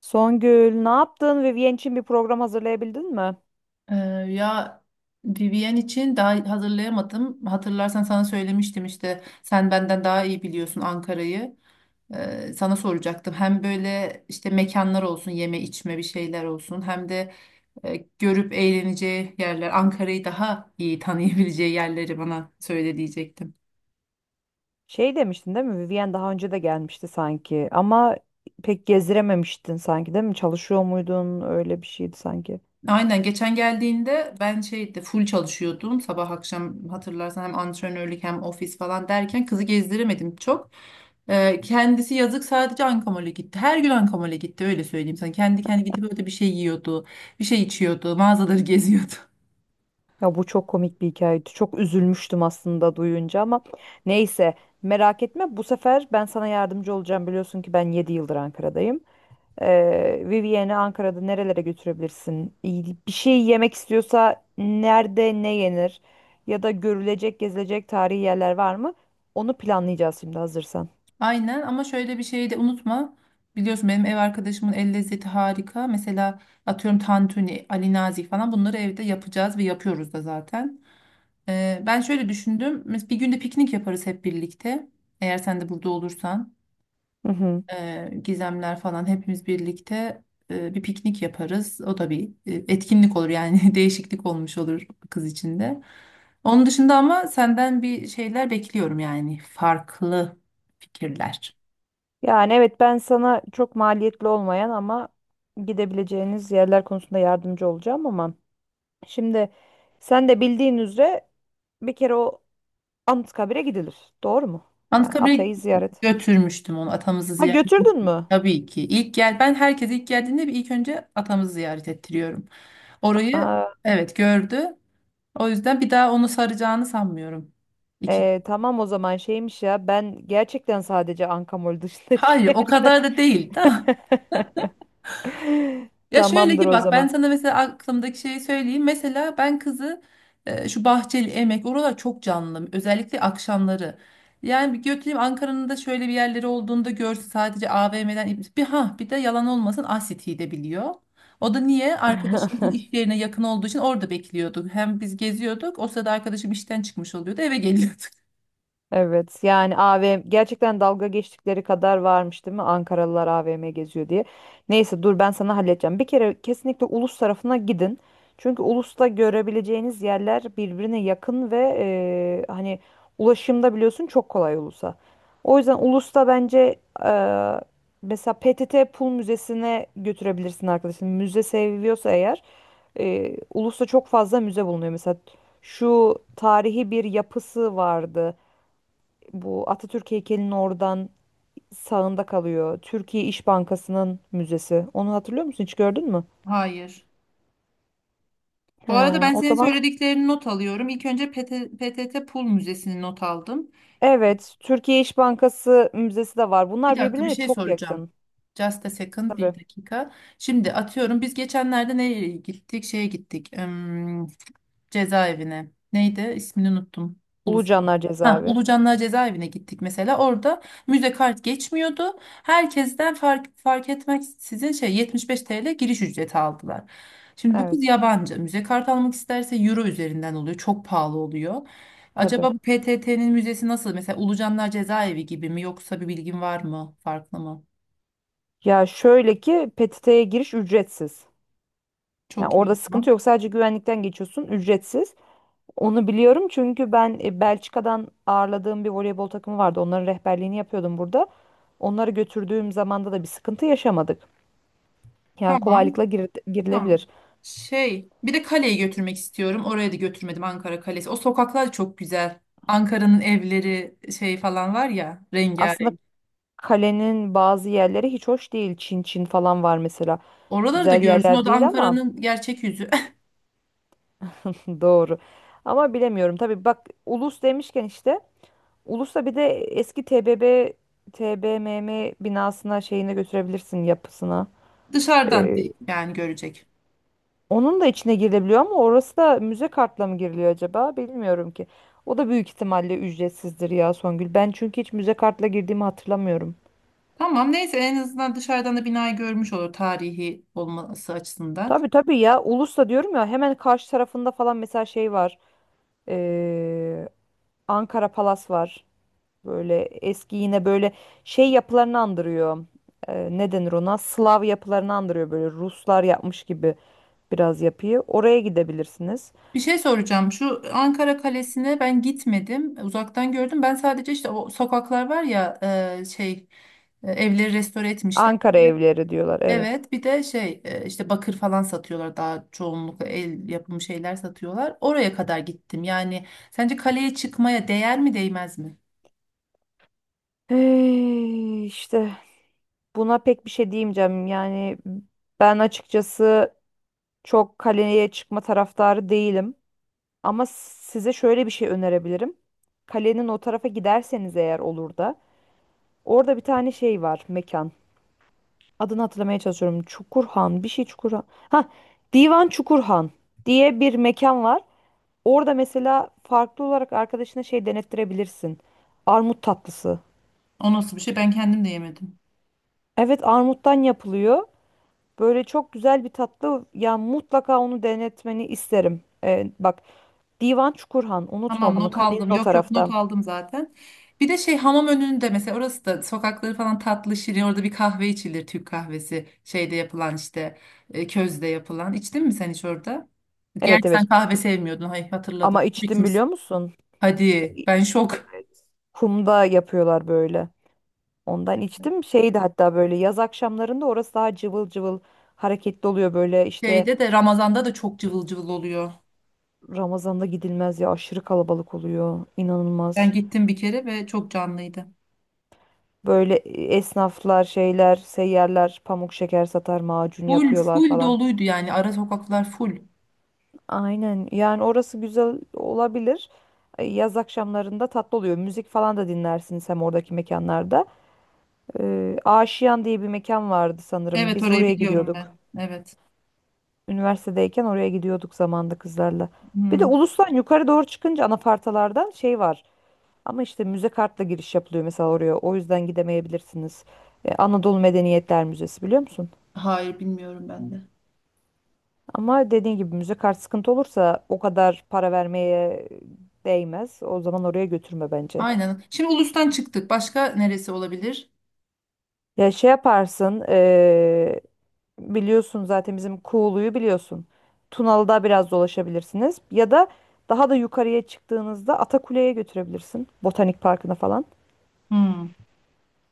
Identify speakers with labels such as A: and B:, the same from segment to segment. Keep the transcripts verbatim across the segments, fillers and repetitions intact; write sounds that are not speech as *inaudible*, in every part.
A: Songül, ne yaptın? Vivien için bir program hazırlayabildin mi?
B: Ee, Ya Vivien için daha hazırlayamadım. Hatırlarsan sana söylemiştim işte sen benden daha iyi biliyorsun Ankara'yı. Ee, sana soracaktım. Hem böyle işte mekanlar olsun, yeme içme bir şeyler olsun. Hem de e, görüp eğleneceği yerler, Ankara'yı daha iyi tanıyabileceği yerleri bana söyle diyecektim.
A: Şey demiştin değil mi? Vivien daha önce de gelmişti sanki ama pek gezdirememiştin sanki değil mi? Çalışıyor muydun? Öyle bir şeydi sanki.
B: Aynen geçen geldiğinde ben şeydi full çalışıyordum sabah akşam hatırlarsan hem antrenörlük hem ofis falan derken kızı gezdiremedim çok. Ee, kendisi yazık sadece Ankamol'e gitti. Her gün Ankamol'e gitti öyle söyleyeyim sana. Kendi kendi gidip öyle bir şey yiyordu, bir şey içiyordu, mağazaları *laughs* geziyordu.
A: Ya bu çok komik bir hikayeydi. Çok üzülmüştüm aslında duyunca ama neyse merak etme bu sefer ben sana yardımcı olacağım. Biliyorsun ki ben yedi yıldır Ankara'dayım. Ee, Vivienne'i Ankara'da nerelere götürebilirsin? İyi- Bir şey yemek istiyorsa nerede ne yenir? Ya da görülecek, gezilecek tarihi yerler var mı? Onu planlayacağız şimdi hazırsan.
B: Aynen ama şöyle bir şeyi de unutma. Biliyorsun benim ev arkadaşımın el lezzeti harika. Mesela atıyorum tantuni, Ali Nazik falan bunları evde yapacağız ve yapıyoruz da zaten. Ee, ben şöyle düşündüm. Mes- Bir günde piknik yaparız hep birlikte. Eğer sen de burada olursan,
A: Hı hı.
B: e, Gizemler falan hepimiz birlikte e, bir piknik yaparız. O da bir e, etkinlik olur yani *laughs* değişiklik olmuş olur kız için de. Onun dışında ama senden bir şeyler bekliyorum yani farklı fikirler.
A: Yani evet, ben sana çok maliyetli olmayan ama gidebileceğiniz yerler konusunda yardımcı olacağım ama şimdi sen de bildiğin üzere bir kere o Anıtkabir'e gidilir. Doğru mu? Yani
B: Anıtkabir'e
A: Atay'ı ziyaret.
B: götürmüştüm onu, atamızı
A: Ha
B: ziyaret
A: götürdün
B: ettim.
A: mü?
B: Tabii ki. İlk gel ben herkese ilk geldiğinde bir ilk önce atamızı ziyaret ettiriyorum. Orayı,
A: Aa.
B: evet, gördü. O yüzden bir daha onu saracağını sanmıyorum. İki.
A: Ee, tamam o zaman, şeymiş ya, ben gerçekten sadece Ankamol dışında *laughs* hiçbir
B: Hayır,
A: yer
B: o
A: gör-
B: kadar da değil. Da.
A: *laughs*
B: Ya şöyle
A: Tamamdır
B: ki
A: o
B: bak ben
A: zaman.
B: sana mesela aklımdaki şeyi söyleyeyim. Mesela ben kızı e, şu Bahçeli Emek oralar çok canlı. Özellikle akşamları. Yani bir götüreyim Ankara'nın da şöyle bir yerleri olduğunda görsün, sadece A V M'den bir, ha, bir de yalan olmasın Asiti'yi de biliyor. O da niye? Arkadaşımızın
A: *laughs*
B: iş yerine yakın olduğu için orada bekliyorduk. Hem biz geziyorduk. O sırada arkadaşım işten çıkmış oluyordu. Eve geliyorduk.
A: Evet, yani A V M gerçekten dalga geçtikleri kadar varmış değil mi, Ankaralılar A V M geziyor diye. Neyse, dur ben sana halledeceğim. Bir kere kesinlikle Ulus tarafına gidin. Çünkü Ulus'ta görebileceğiniz yerler birbirine yakın ve e, hani ulaşımda biliyorsun çok kolay Ulus'a. O yüzden Ulus'ta bence e, mesela P T T Pul Müzesi'ne götürebilirsin arkadaşın. Müze seviyorsa eğer e, Ulus'ta çok fazla müze bulunuyor. Mesela şu tarihi bir yapısı vardı. Bu Atatürk heykelinin oradan sağında kalıyor. Türkiye İş Bankası'nın müzesi. Onu hatırlıyor musun? Hiç gördün mü?
B: Hayır. Bu
A: He,
B: arada ben
A: o
B: senin
A: zaman
B: söylediklerini not alıyorum. İlk önce PT, P T T Pul Müzesi'ni not aldım.
A: evet, Türkiye İş Bankası müzesi de var.
B: Bir
A: Bunlar
B: dakika bir
A: birbirlerine
B: şey
A: çok
B: soracağım.
A: yakın.
B: Just a second, bir
A: Tabii.
B: dakika. Şimdi atıyorum biz geçenlerde nereye gittik? Şeye gittik. Hmm, cezaevine. Neydi? İsmini unuttum. Ulus.
A: Ulucanlar
B: Ha,
A: Cezaevi.
B: Ulucanlar cezaevine gittik mesela. Orada müze kart geçmiyordu. Herkesten fark, fark etmek sizin şey yetmiş beş T L giriş ücreti aldılar. Şimdi bu kız
A: Evet,
B: yabancı. Müze kart almak isterse euro üzerinden oluyor. Çok pahalı oluyor.
A: tabii.
B: Acaba bu P T T'nin müzesi nasıl? Mesela Ulucanlar cezaevi gibi mi yoksa bir bilgin var mı? Farklı mı?
A: Ya şöyle ki P T T'ye giriş ücretsiz. Yani
B: Çok iyi
A: orada
B: o
A: sıkıntı
B: zaman.
A: yok. Sadece güvenlikten geçiyorsun, ücretsiz. Onu biliyorum çünkü ben e, Belçika'dan ağırladığım bir voleybol takımı vardı. Onların rehberliğini yapıyordum burada. Onları götürdüğüm zamanda da bir sıkıntı yaşamadık. Yani
B: Tamam.
A: kolaylıkla gir-
B: Tamam.
A: girilebilir.
B: Şey, bir de kaleyi götürmek istiyorum. Oraya da götürmedim, Ankara Kalesi. O sokaklar çok güzel. Ankara'nın evleri şey falan var ya,
A: Aslında
B: rengarenk.
A: kalenin bazı yerleri hiç hoş değil. Çin Çin falan var mesela.
B: Oraları da
A: Güzel
B: görsün. O
A: yerler
B: da
A: değil ama
B: Ankara'nın gerçek yüzü.
A: *laughs* doğru. Ama bilemiyorum. Tabii bak, Ulus demişken işte Ulus'ta bir de eski T B B T B M M binasına, şeyine götürebilirsin, yapısına.
B: *laughs* Dışarıdan değil, yani görecek.
A: Onun da içine girilebiliyor ama orası da müze kartla mı giriliyor acaba? Bilmiyorum ki. O da büyük ihtimalle ücretsizdir ya Songül. Ben çünkü hiç müze kartla girdiğimi hatırlamıyorum.
B: Tamam, neyse en azından dışarıdan da binayı görmüş olur tarihi olması açısından.
A: Tabii tabii ya. Ulus'ta diyorum ya, hemen karşı tarafında falan mesela şey var. Ee, Ankara Palas var. Böyle eski yine böyle şey yapılarını andırıyor. Ee, ne denir ona? Slav yapılarını andırıyor, böyle Ruslar yapmış gibi biraz yapıyı. Oraya gidebilirsiniz.
B: Bir şey soracağım. Şu Ankara Kalesi'ne ben gitmedim. Uzaktan gördüm. Ben sadece işte o sokaklar var ya, e, şey e, evleri restore etmişler.
A: Ankara evleri diyorlar, evet.
B: Evet, bir de şey e, işte bakır falan satıyorlar, daha çoğunlukla el yapımı şeyler satıyorlar. Oraya kadar gittim. Yani sence kaleye çıkmaya değer mi değmez mi?
A: Hey, işte. Buna pek bir şey diyemeyeceğim. Yani ben açıkçası çok kaleye çıkma taraftarı değilim. Ama size şöyle bir şey önerebilirim. Kalenin o tarafa giderseniz eğer, olur da. Orada bir tane şey var, mekan. Adını hatırlamaya çalışıyorum. Çukurhan, bir şey Çukurhan. Ha, Divan Çukurhan diye bir mekan var. Orada mesela farklı olarak arkadaşına şey denettirebilirsin. Armut tatlısı.
B: O nasıl bir şey? Ben kendim de yemedim.
A: Evet, armuttan yapılıyor. Böyle çok güzel bir tatlı. Ya mutlaka onu denetmeni isterim. Ee, bak, Divan Çukurhan,
B: Tamam
A: unutma bunu.
B: not
A: Kalenin
B: aldım.
A: o
B: Yok yok not
A: tarafta.
B: aldım zaten. Bir de şey hamam önünde mesela, orası da sokakları falan tatlı şirin. Orada bir kahve içilir, Türk kahvesi. Şeyde yapılan işte e, közde yapılan. İçtin mi sen hiç orada?
A: Evet
B: Gerçi
A: evet,
B: sen kahve
A: kum.
B: sevmiyordun. Hayır hatırladım.
A: Ama içtim
B: Bitmiş.
A: biliyor musun?
B: Hadi
A: İ-
B: ben şok.
A: Kumda yapıyorlar böyle. Ondan içtim. Şeydi hatta, böyle yaz akşamlarında orası daha cıvıl cıvıl, hareketli oluyor, böyle işte.
B: Şeyde de Ramazan'da da çok cıvıl cıvıl oluyor.
A: Ramazan'da gidilmez ya, aşırı kalabalık oluyor. İnanılmaz.
B: Ben gittim bir kere ve çok canlıydı.
A: Böyle e, esnaflar, şeyler, seyyarlar, pamuk şeker satar, macun
B: Full
A: yapıyorlar
B: full
A: falan.
B: doluydu yani, ara sokaklar full.
A: Aynen. Yani orası güzel olabilir. E, Yaz akşamlarında tatlı oluyor. Müzik falan da dinlersiniz hem oradaki mekanlarda. E, Aşiyan diye bir mekan vardı sanırım.
B: Evet
A: Biz
B: orayı
A: oraya
B: biliyorum
A: gidiyorduk.
B: ben. Evet.
A: Üniversitedeyken oraya gidiyorduk zamanda, kızlarla. Bir de
B: Hmm,
A: Ulus'tan yukarı doğru çıkınca anafartalardan şey var. Ama işte müze kartla giriş yapılıyor mesela oraya. O yüzden gidemeyebilirsiniz. E, Anadolu Medeniyetler Müzesi, biliyor musun?
B: hayır bilmiyorum ben de.
A: Ama dediğin gibi müze kart sıkıntı olursa, o kadar para vermeye değmez. O zaman oraya götürme bence.
B: Aynen. Şimdi Ulus'tan çıktık. Başka neresi olabilir?
A: Ya şey yaparsın, eee, biliyorsun zaten bizim Kuğulu'yu biliyorsun. Tunalı'da biraz dolaşabilirsiniz. Ya da daha da yukarıya çıktığınızda Atakule'ye götürebilirsin. Botanik Parkı'na falan.
B: Hmm.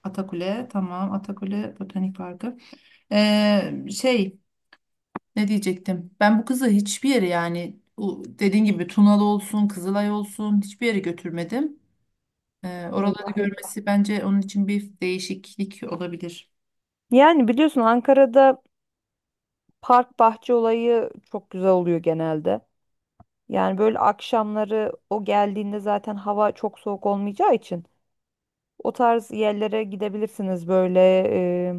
B: Atakule tamam. Atakule Botanik Parkı. Ee, şey ne diyecektim? Ben bu kızı hiçbir yere, yani u- dediğin gibi Tunalı olsun, Kızılay olsun, hiçbir yere götürmedim. Ee, oraları
A: Eyvah eyvah.
B: görmesi bence onun için bir değişiklik olabilir.
A: Yani biliyorsun Ankara'da park bahçe olayı çok güzel oluyor genelde. Yani böyle akşamları o geldiğinde zaten hava çok soğuk olmayacağı için. O tarz yerlere gidebilirsiniz böyle. e,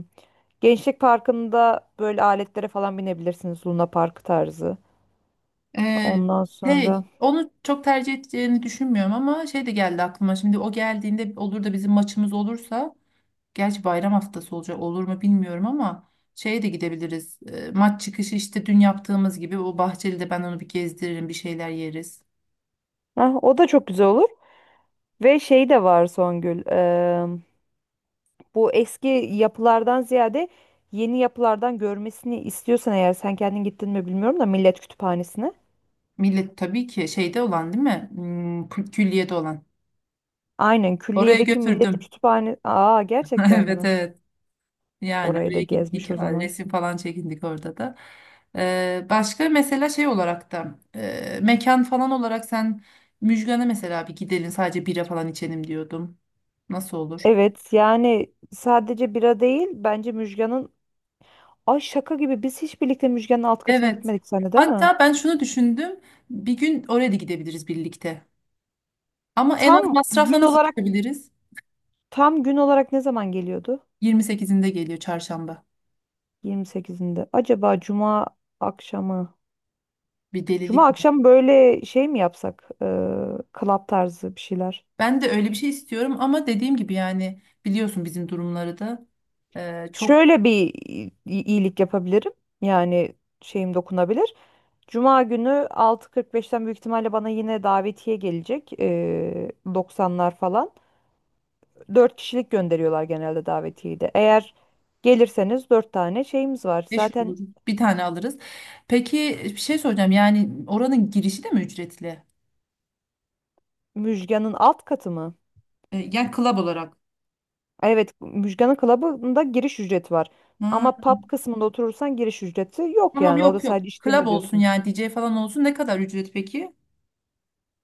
A: Gençlik Parkı'nda böyle aletlere falan binebilirsiniz. Luna Park tarzı.
B: Ee,
A: Ondan sonra.
B: Hey, onu çok tercih edeceğini düşünmüyorum ama şey de geldi aklıma. Şimdi o geldiğinde olur da bizim maçımız olursa, gerçi bayram haftası olacak olur mu bilmiyorum ama şeye de gidebiliriz. Ee, maç çıkışı işte dün yaptığımız gibi o Bahçeli'de ben onu bir gezdiririm, bir şeyler yeriz.
A: Heh, o da çok güzel olur. Ve şey de var Songül. E, bu eski yapılardan ziyade yeni yapılardan görmesini istiyorsan eğer, sen kendin gittin mi bilmiyorum da, Millet Kütüphanesi'ne.
B: Millet tabii ki şeyde olan değil mi? Hmm, kü- külliyede olan.
A: Aynen,
B: Oraya
A: külliyedeki Millet
B: götürdüm.
A: Kütüphane. Aa,
B: *laughs*
A: gerçekten
B: Evet
A: mi?
B: evet. Yani
A: Orayı da
B: oraya
A: gezmiş
B: gittik,
A: o zaman.
B: resim falan çekindik orada da. Ee, başka mesela şey olarak da e, mekan falan olarak sen Müjgan'a mesela bir gidelim, sadece bira falan içelim diyordum. Nasıl olur?
A: Evet, yani sadece bira değil bence Müjgan'ın. Ay şaka gibi, biz hiç birlikte Müjgan'ın alt katına
B: Evet.
A: gitmedik seninle, değil mi?
B: Hatta ben şunu düşündüm. Bir gün oraya da gidebiliriz birlikte. Ama en az
A: Tam
B: masrafla
A: gün
B: nasıl
A: olarak,
B: çıkabiliriz?
A: tam gün olarak ne zaman geliyordu?
B: yirmi sekizinde geliyor, çarşamba.
A: yirmi sekizinde. Acaba cuma akşamı?
B: Bir
A: Cuma
B: delilik mi?
A: akşam böyle şey mi yapsak? Ee, club tarzı bir şeyler.
B: Ben de öyle bir şey istiyorum ama dediğim gibi yani biliyorsun bizim durumları da e, çok.
A: Şöyle bir i- iyilik yapabilirim. Yani şeyim dokunabilir. Cuma günü altı kırk beşten büyük ihtimalle bana yine davetiye gelecek. Ee, doksanlar falan. Dört kişilik gönderiyorlar genelde davetiyeyi de. Eğer gelirseniz, dört tane şeyimiz var.
B: Beş
A: Zaten.
B: olur. Bir tane alırız. Peki bir şey soracağım. Yani oranın girişi de mi ücretli?
A: Müjgan'ın alt katı mı?
B: E, yani club olarak.
A: Evet, Müjgan'ın klubunda giriş ücreti var.
B: Ha,
A: Ama pub kısmında oturursan giriş ücreti yok
B: tamam
A: yani. Orada
B: yok yok.
A: sadece içtiğini
B: Club olsun
A: ödüyorsun.
B: yani D J falan olsun. Ne kadar ücret peki?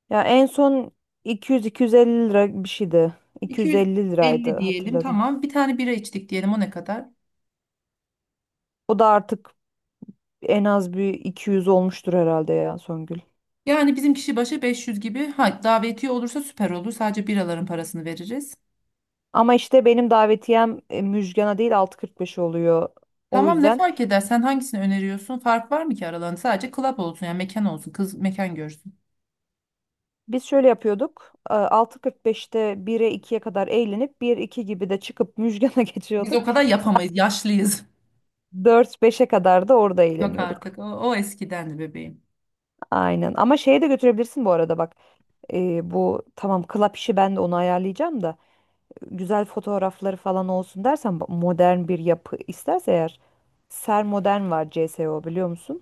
A: Ya en son iki yüz iki yüz elli lira bir şeydi. iki yüz elli
B: iki yüz elli
A: liraydı,
B: diyelim,
A: hatırladım.
B: tamam. Bir tane bira içtik diyelim o ne kadar?
A: O da artık en az bir iki yüz olmuştur herhalde ya Songül.
B: Yani bizim kişi başı beş yüz gibi. Ha, davetiye olursa süper olur. Sadece biraların parasını veririz.
A: Ama işte benim davetiyem e, Müjgan'a değil, altı kırk beş oluyor. O
B: Tamam ne
A: yüzden.
B: fark eder? Sen hangisini öneriyorsun? Fark var mı ki aralarında? Sadece club olsun yani, mekan olsun. Kız mekan görsün.
A: Biz şöyle yapıyorduk. e, altı kırk beşte bire, ikiye kadar eğlenip, bir iki gibi de çıkıp Müjgan'a *laughs*
B: Biz
A: geçiyorduk.
B: o kadar
A: Saat
B: yapamayız. Yaşlıyız.
A: dört beşe kadar da orada
B: Yok
A: eğleniyorduk.
B: artık. O, o eskidendi bebeğim.
A: Aynen. Ama şeye de götürebilirsin bu arada bak. E, bu tamam, klap işi ben de onu ayarlayacağım da, güzel fotoğrafları falan olsun dersen bak, modern bir yapı isterse eğer, Ser Modern var, C S, o biliyor musun?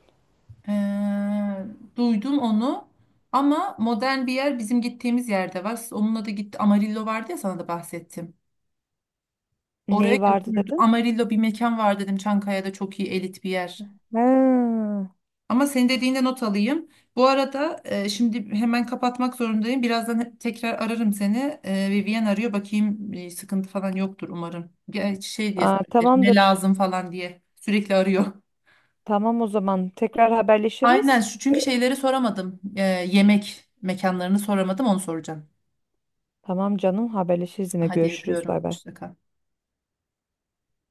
B: Ee, Duydum onu. Ama modern bir yer bizim gittiğimiz yerde var. Siz onunla da gitti. Amarillo vardı ya, sana da bahsettim. Oraya
A: Neyi vardı
B: götürdüm.
A: dedin?
B: Amarillo bir mekan var dedim. Çankaya'da çok iyi, elit bir yer.
A: Ha.
B: Ama senin dediğinde not alayım. Bu arada e, şimdi hemen kapatmak zorundayım. Birazdan he- tekrar ararım seni. E, Vivian arıyor. Bakayım e, sıkıntı falan yoktur umarım. Gerçi şey diye
A: Aa,
B: sorabilir. Ne
A: tamamdır.
B: lazım falan diye. Sürekli arıyor.
A: Tamam o zaman, tekrar
B: Aynen
A: haberleşiriz.
B: şu çünkü şeyleri soramadım. Ee, yemek mekanlarını soramadım, onu soracağım.
A: Tamam canım, haberleşiriz, yine
B: Hadi
A: görüşürüz,
B: yapıyorum.
A: bay bay.
B: Hoşça kal.